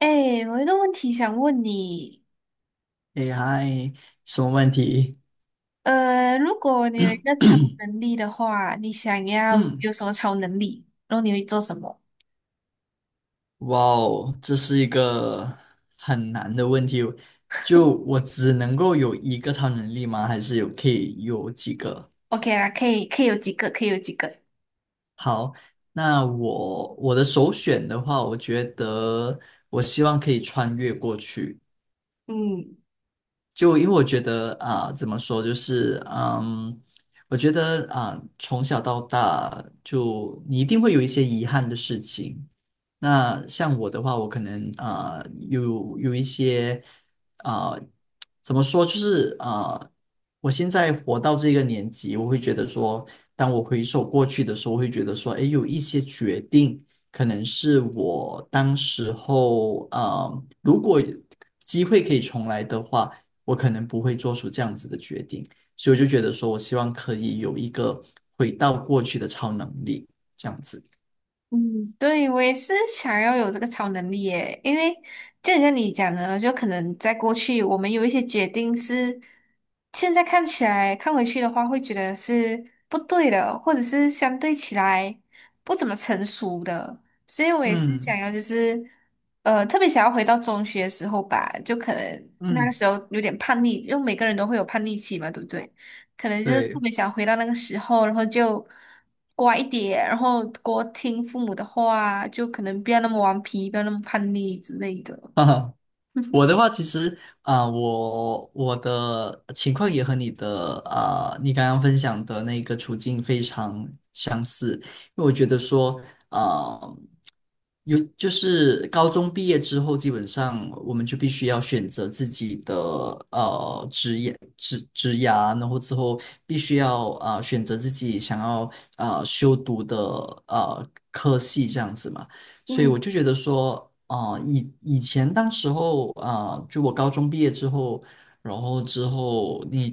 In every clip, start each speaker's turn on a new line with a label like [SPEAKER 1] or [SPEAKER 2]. [SPEAKER 1] 哎，我有一个问题想问你，
[SPEAKER 2] 哎嗨，什么问题？
[SPEAKER 1] 如果你有一个超能力的话，你想要
[SPEAKER 2] 嗯，
[SPEAKER 1] 有什么超能力？然后你会做什么
[SPEAKER 2] 哇哦，这是一个很难的问题。就我只能够有一个超能力吗？还是有可以有几个？
[SPEAKER 1] ？OK 啦，可以，可以有几个，可以有几个。
[SPEAKER 2] 好，那我的首选的话，我觉得我希望可以穿越过去。
[SPEAKER 1] 嗯
[SPEAKER 2] 就因为我觉得怎么说，就是我觉得从小到大，就你一定会有一些遗憾的事情。那像我的话，我可能有一些啊、怎么说，就是我现在活到这个年纪，我会觉得说，当我回首过去的时候，我会觉得说，诶，有一些决定。可能是我当时候，如果机会可以重来的话，我可能不会做出这样子的决定，所以我就觉得说，我希望可以有一个回到过去的超能力，这样子。
[SPEAKER 1] 嗯，对，我也是想要有这个超能力耶，因为就像你讲的，就可能在过去，我们有一些决定是现在看起来看回去的话，会觉得是不对的，或者是相对起来不怎么成熟的，所以我也是想
[SPEAKER 2] 嗯
[SPEAKER 1] 要，就是,特别想要回到中学的时候吧，就可能那个
[SPEAKER 2] 嗯，
[SPEAKER 1] 时候有点叛逆，因为每个人都会有叛逆期嘛，对不对？可能就是特
[SPEAKER 2] 对，
[SPEAKER 1] 别想回到那个时候，然后就乖一点，然后多听父母的话，就可能不要那么顽皮，不要那么叛逆之类的。
[SPEAKER 2] 哈哈。我 的话，其实我的情况也和你的你刚刚分享的那个处境非常相似，因为我觉得说，啊，有就是高中毕业之后，基本上我们就必须要选择自己的职业职涯，然后之后必须要选择自己想要修读的科系这样子嘛。所以
[SPEAKER 1] 嗯
[SPEAKER 2] 我就觉得说，以前当时候就我高中毕业之后，然后之后你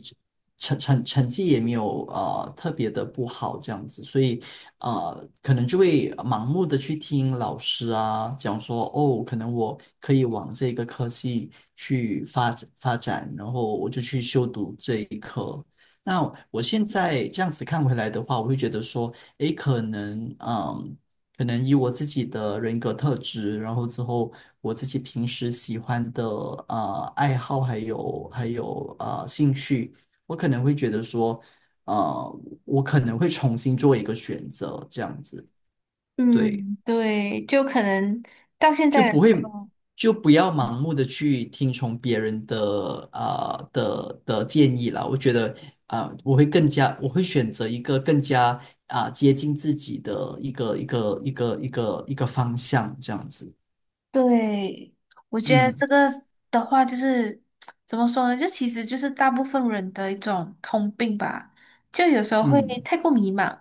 [SPEAKER 2] 成绩也没有特别的不好这样子，所以啊，可能就会盲目的去听老师讲说，哦，可能我可以往这个科系去发展发展，然后我就去修读这一科。那我现在这样子看回来的话，我会觉得说，诶，可能。可能以我自己的人格特质，然后之后我自己平时喜欢的爱好，还有兴趣，我可能会觉得说，我可能会重新做一个选择，这样子，对，
[SPEAKER 1] 嗯，对，就可能到现
[SPEAKER 2] 就
[SPEAKER 1] 在的
[SPEAKER 2] 不
[SPEAKER 1] 时
[SPEAKER 2] 会
[SPEAKER 1] 候。
[SPEAKER 2] 就不要盲目的去听从别人的的建议啦。我觉得我会选择一个更加接近自己的一个方向，这样子。
[SPEAKER 1] 对，我觉得
[SPEAKER 2] 嗯
[SPEAKER 1] 这个的话就是怎么说呢？就其实就是大部分人的一种通病吧，就有时候会
[SPEAKER 2] 嗯
[SPEAKER 1] 太过迷茫，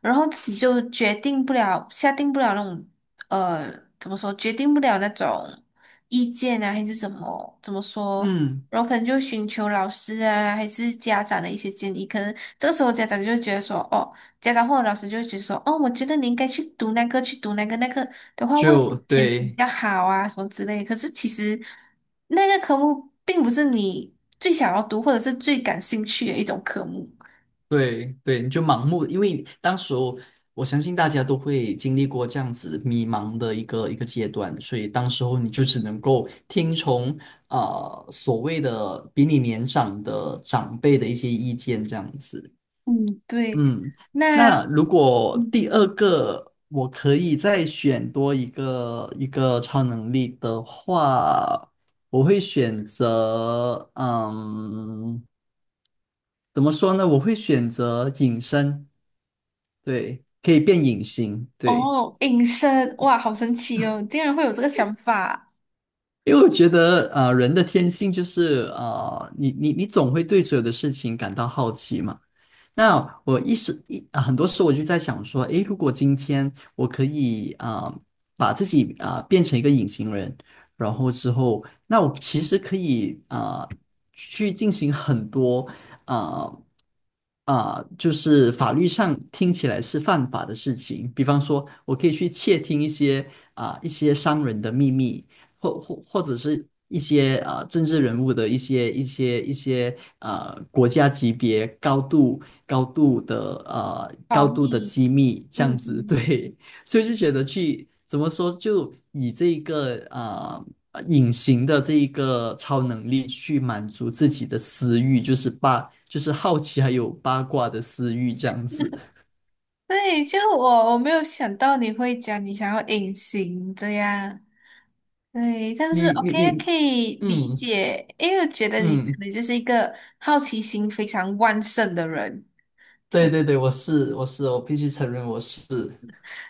[SPEAKER 1] 然后自己就决定不了、下定不了那种呃怎么说，决定不了那种意见啊，还是怎么怎么说？
[SPEAKER 2] 嗯，
[SPEAKER 1] 然后可能就寻求老师啊，还是家长的一些建议。可能这个时候家长就会觉得说，哦，家长或者老师就会觉得说，哦，我觉得你应该去读那个，去读那个那个。的话，未来
[SPEAKER 2] 就
[SPEAKER 1] 前景比
[SPEAKER 2] 对
[SPEAKER 1] 较好啊，什么之类。可是其实那个科目并不是你最想要读或者是最感兴趣的一种科目。
[SPEAKER 2] 对对，你就盲目，因为当时候我相信大家都会经历过这样子迷茫的一个阶段，所以当时候你就只能够听从所谓的比你年长的长辈的一些意见这样子。
[SPEAKER 1] 嗯，对。
[SPEAKER 2] 嗯，
[SPEAKER 1] 那
[SPEAKER 2] 那如果第
[SPEAKER 1] 嗯，
[SPEAKER 2] 二个我可以再选多一个超能力的话，我会选择，怎么说呢？我会选择隐身，对，可以变隐形，对，
[SPEAKER 1] 哦，隐身，哇，好神奇哦，竟然会有这个想法。
[SPEAKER 2] 因为我觉得，人的天性就是，你总会对所有的事情感到好奇嘛。那我一时一啊很多时候我就在想说，诶，如果今天我可以把自己变成一个隐形人，然后之后，那我其实可以去进行很多啊就是法律上听起来是犯法的事情，比方说我可以去窃听一些一些商人的秘密，或者是一些政治人物的一些国家级别
[SPEAKER 1] 保
[SPEAKER 2] 高度的
[SPEAKER 1] 密，
[SPEAKER 2] 机密这样
[SPEAKER 1] 嗯
[SPEAKER 2] 子，
[SPEAKER 1] 嗯。
[SPEAKER 2] 对，所以就觉得去怎么说，就以这一个。隐形的这一个超能力去满足自己的私欲，就是八，就是好奇还有八卦的私欲这样子。
[SPEAKER 1] 对，就我没有想到你会讲你想要隐形这样，对，但是
[SPEAKER 2] 你你
[SPEAKER 1] OK
[SPEAKER 2] 你，
[SPEAKER 1] 可以理
[SPEAKER 2] 嗯
[SPEAKER 1] 解，因为我觉得你可
[SPEAKER 2] 嗯，
[SPEAKER 1] 能就是一个好奇心非常旺盛的人。
[SPEAKER 2] 对
[SPEAKER 1] 对，
[SPEAKER 2] 对对，我是，我必须承认我是。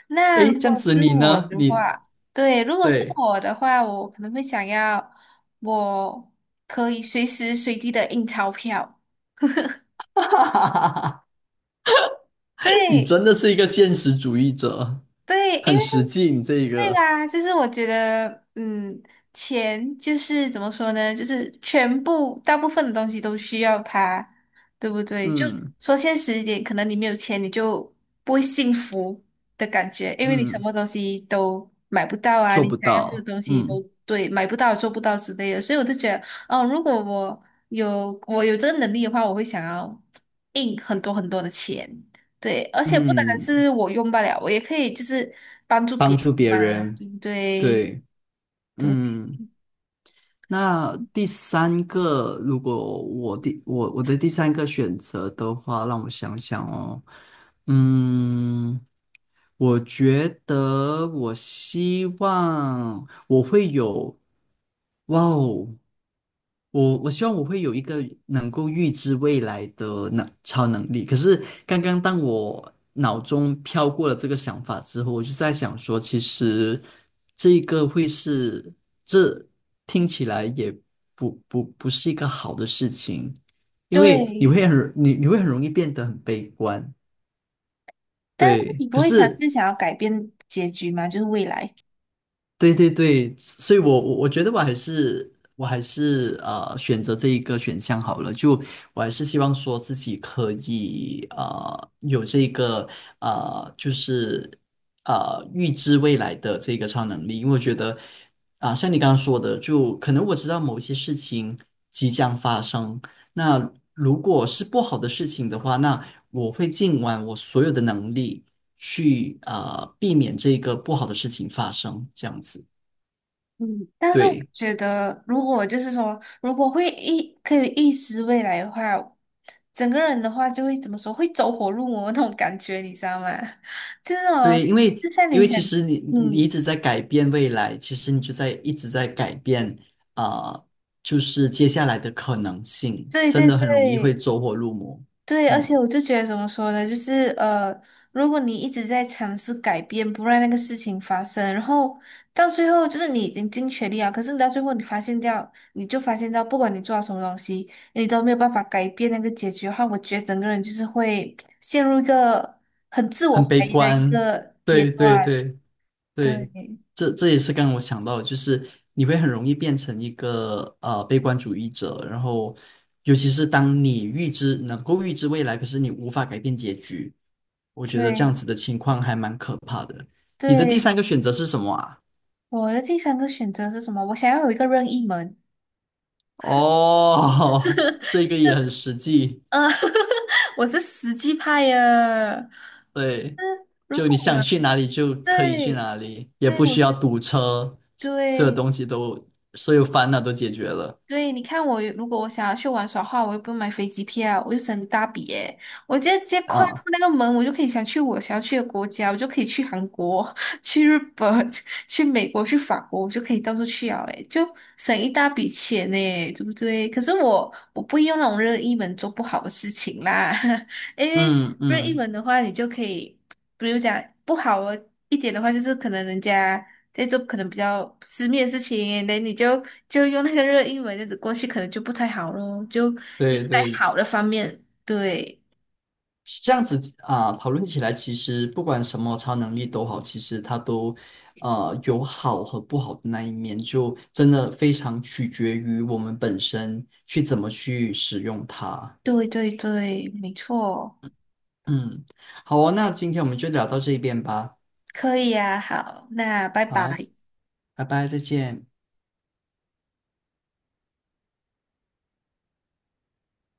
[SPEAKER 1] 那
[SPEAKER 2] 诶，
[SPEAKER 1] 如
[SPEAKER 2] 这
[SPEAKER 1] 果
[SPEAKER 2] 样子
[SPEAKER 1] 是
[SPEAKER 2] 你
[SPEAKER 1] 我
[SPEAKER 2] 呢？
[SPEAKER 1] 的话，对，如果是
[SPEAKER 2] 对，
[SPEAKER 1] 我的话，我可能会想要我可以随时随地的印钞票。
[SPEAKER 2] 你
[SPEAKER 1] 对，
[SPEAKER 2] 真的是一个现实主义者，
[SPEAKER 1] 对，因
[SPEAKER 2] 很
[SPEAKER 1] 为
[SPEAKER 2] 实际。你这一
[SPEAKER 1] 对
[SPEAKER 2] 个，
[SPEAKER 1] 吧？就是我觉得，嗯，钱就是怎么说呢？就是全部大部分的东西都需要它，对不对？就
[SPEAKER 2] 嗯
[SPEAKER 1] 说现实一点，可能你没有钱，你就不会幸福的感觉，因为你什
[SPEAKER 2] 嗯，
[SPEAKER 1] 么东西都买不到啊，
[SPEAKER 2] 做
[SPEAKER 1] 你
[SPEAKER 2] 不
[SPEAKER 1] 想要的
[SPEAKER 2] 到，
[SPEAKER 1] 东西都
[SPEAKER 2] 嗯
[SPEAKER 1] 对买不到、做不到之类的。所以我就觉得，哦，如果我有这个能力的话，我会想要印很多很多的钱。对，而且不单
[SPEAKER 2] 嗯，
[SPEAKER 1] 是我用不了，我也可以就是帮助别
[SPEAKER 2] 帮
[SPEAKER 1] 人
[SPEAKER 2] 助别
[SPEAKER 1] 嘛，
[SPEAKER 2] 人，
[SPEAKER 1] 对不对？
[SPEAKER 2] 对，
[SPEAKER 1] 对
[SPEAKER 2] 嗯。那第三个，如果我的第三个选择的话，让我想想哦，嗯，我觉得我希望我会有，哇哦！我希望我会有一个能够预知未来的超能力。可是刚刚当我脑中飘过了这个想法之后，我就在想说，其实这一个会是这听起来也不是一个好的事情，因为你
[SPEAKER 1] 对，
[SPEAKER 2] 会很你你会很容易变得很悲观。
[SPEAKER 1] 但是
[SPEAKER 2] 对，
[SPEAKER 1] 你不
[SPEAKER 2] 可
[SPEAKER 1] 会尝
[SPEAKER 2] 是
[SPEAKER 1] 试想要改变结局吗？就是未来。
[SPEAKER 2] 对对对，所以我觉得我还是选择这一个选项好了，就我还是希望说自己可以有这个就是预知未来的这个超能力，因为我觉得像你刚刚说的，就可能我知道某一些事情即将发生，那如果是不好的事情的话，那我会尽完我所有的能力。去避免这个不好的事情发生，这样子。
[SPEAKER 1] 嗯，但是我
[SPEAKER 2] 对
[SPEAKER 1] 觉得，如果就是说，如果会预可以预知未来的话，整个人的话就会怎么说，会走火入魔那种感觉，你知道吗？就是哦，
[SPEAKER 2] 对，因为
[SPEAKER 1] 就像
[SPEAKER 2] 因
[SPEAKER 1] 你
[SPEAKER 2] 为
[SPEAKER 1] 想，
[SPEAKER 2] 其实你
[SPEAKER 1] 嗯，
[SPEAKER 2] 一直在改变未来，其实你就在一直在改变啊、呃就是接下来的可能性，
[SPEAKER 1] 对
[SPEAKER 2] 真
[SPEAKER 1] 对
[SPEAKER 2] 的很容易会
[SPEAKER 1] 对，
[SPEAKER 2] 走火入魔。
[SPEAKER 1] 对，而
[SPEAKER 2] 嗯，
[SPEAKER 1] 且我就觉得怎么说呢，就是,如果你一直在尝试改变，不让那个事情发生，然后到最后就是你已经尽全力啊，可是你到最后你发现掉，你就发现到，不管你做了什么东西，你都没有办法改变那个结局的话，我觉得整个人就是会陷入一个很自我
[SPEAKER 2] 很悲
[SPEAKER 1] 怀疑的一
[SPEAKER 2] 观。
[SPEAKER 1] 个阶
[SPEAKER 2] 对对
[SPEAKER 1] 段。
[SPEAKER 2] 对。
[SPEAKER 1] 对
[SPEAKER 2] 对，这这也是刚刚我想到的就是你会很容易变成一个悲观主义者，然后尤其是当你预知能够预知未来，可是你无法改变结局，我觉得这样
[SPEAKER 1] 对
[SPEAKER 2] 子的情况还蛮可怕的。你的第
[SPEAKER 1] 对，
[SPEAKER 2] 三个选择是什么啊？
[SPEAKER 1] 我的第三个选择是什么？我想要有一个任意门。
[SPEAKER 2] 哦，这个也很实际，
[SPEAKER 1] 嗯，我是实际派呀。
[SPEAKER 2] 对，
[SPEAKER 1] 如
[SPEAKER 2] 就
[SPEAKER 1] 果
[SPEAKER 2] 你
[SPEAKER 1] 有
[SPEAKER 2] 想去哪里就可以去
[SPEAKER 1] 对
[SPEAKER 2] 哪里，也
[SPEAKER 1] 对，
[SPEAKER 2] 不需要堵车，所所有
[SPEAKER 1] 对
[SPEAKER 2] 东西都所有烦恼都解决了
[SPEAKER 1] 对，你看我如果我想要去玩耍的话，我又不用买飞机票，我又省一大笔耶。我直接跨过
[SPEAKER 2] 啊，
[SPEAKER 1] 那个门，我就可以想去我想要去的国家，我就可以去韩国、去日本、去美国、去法国，我就可以到处去啊，哎，就省一大笔钱呢，对不对？可是我不用那种任意门做不好的事情啦，因为
[SPEAKER 2] 嗯
[SPEAKER 1] 任意
[SPEAKER 2] 嗯。
[SPEAKER 1] 门的话，你就可以，比如讲不好的一点的话，就是可能人家。在做可能比较私密的事情，那你就就用那个热英文这样子过去，可能就不太好咯，就用
[SPEAKER 2] 对
[SPEAKER 1] 在
[SPEAKER 2] 对
[SPEAKER 1] 好的方面。对，
[SPEAKER 2] 这样子啊、讨论起来，其实不管什么超能力都好，其实它都有好和不好的那一面，就真的非常取决于我们本身去怎么去使用它。
[SPEAKER 1] 对对对，没错，
[SPEAKER 2] 嗯，好哦，那今天我们就聊到这边吧。
[SPEAKER 1] 可以呀。好，那拜
[SPEAKER 2] 好，
[SPEAKER 1] 拜。
[SPEAKER 2] 拜拜，再见。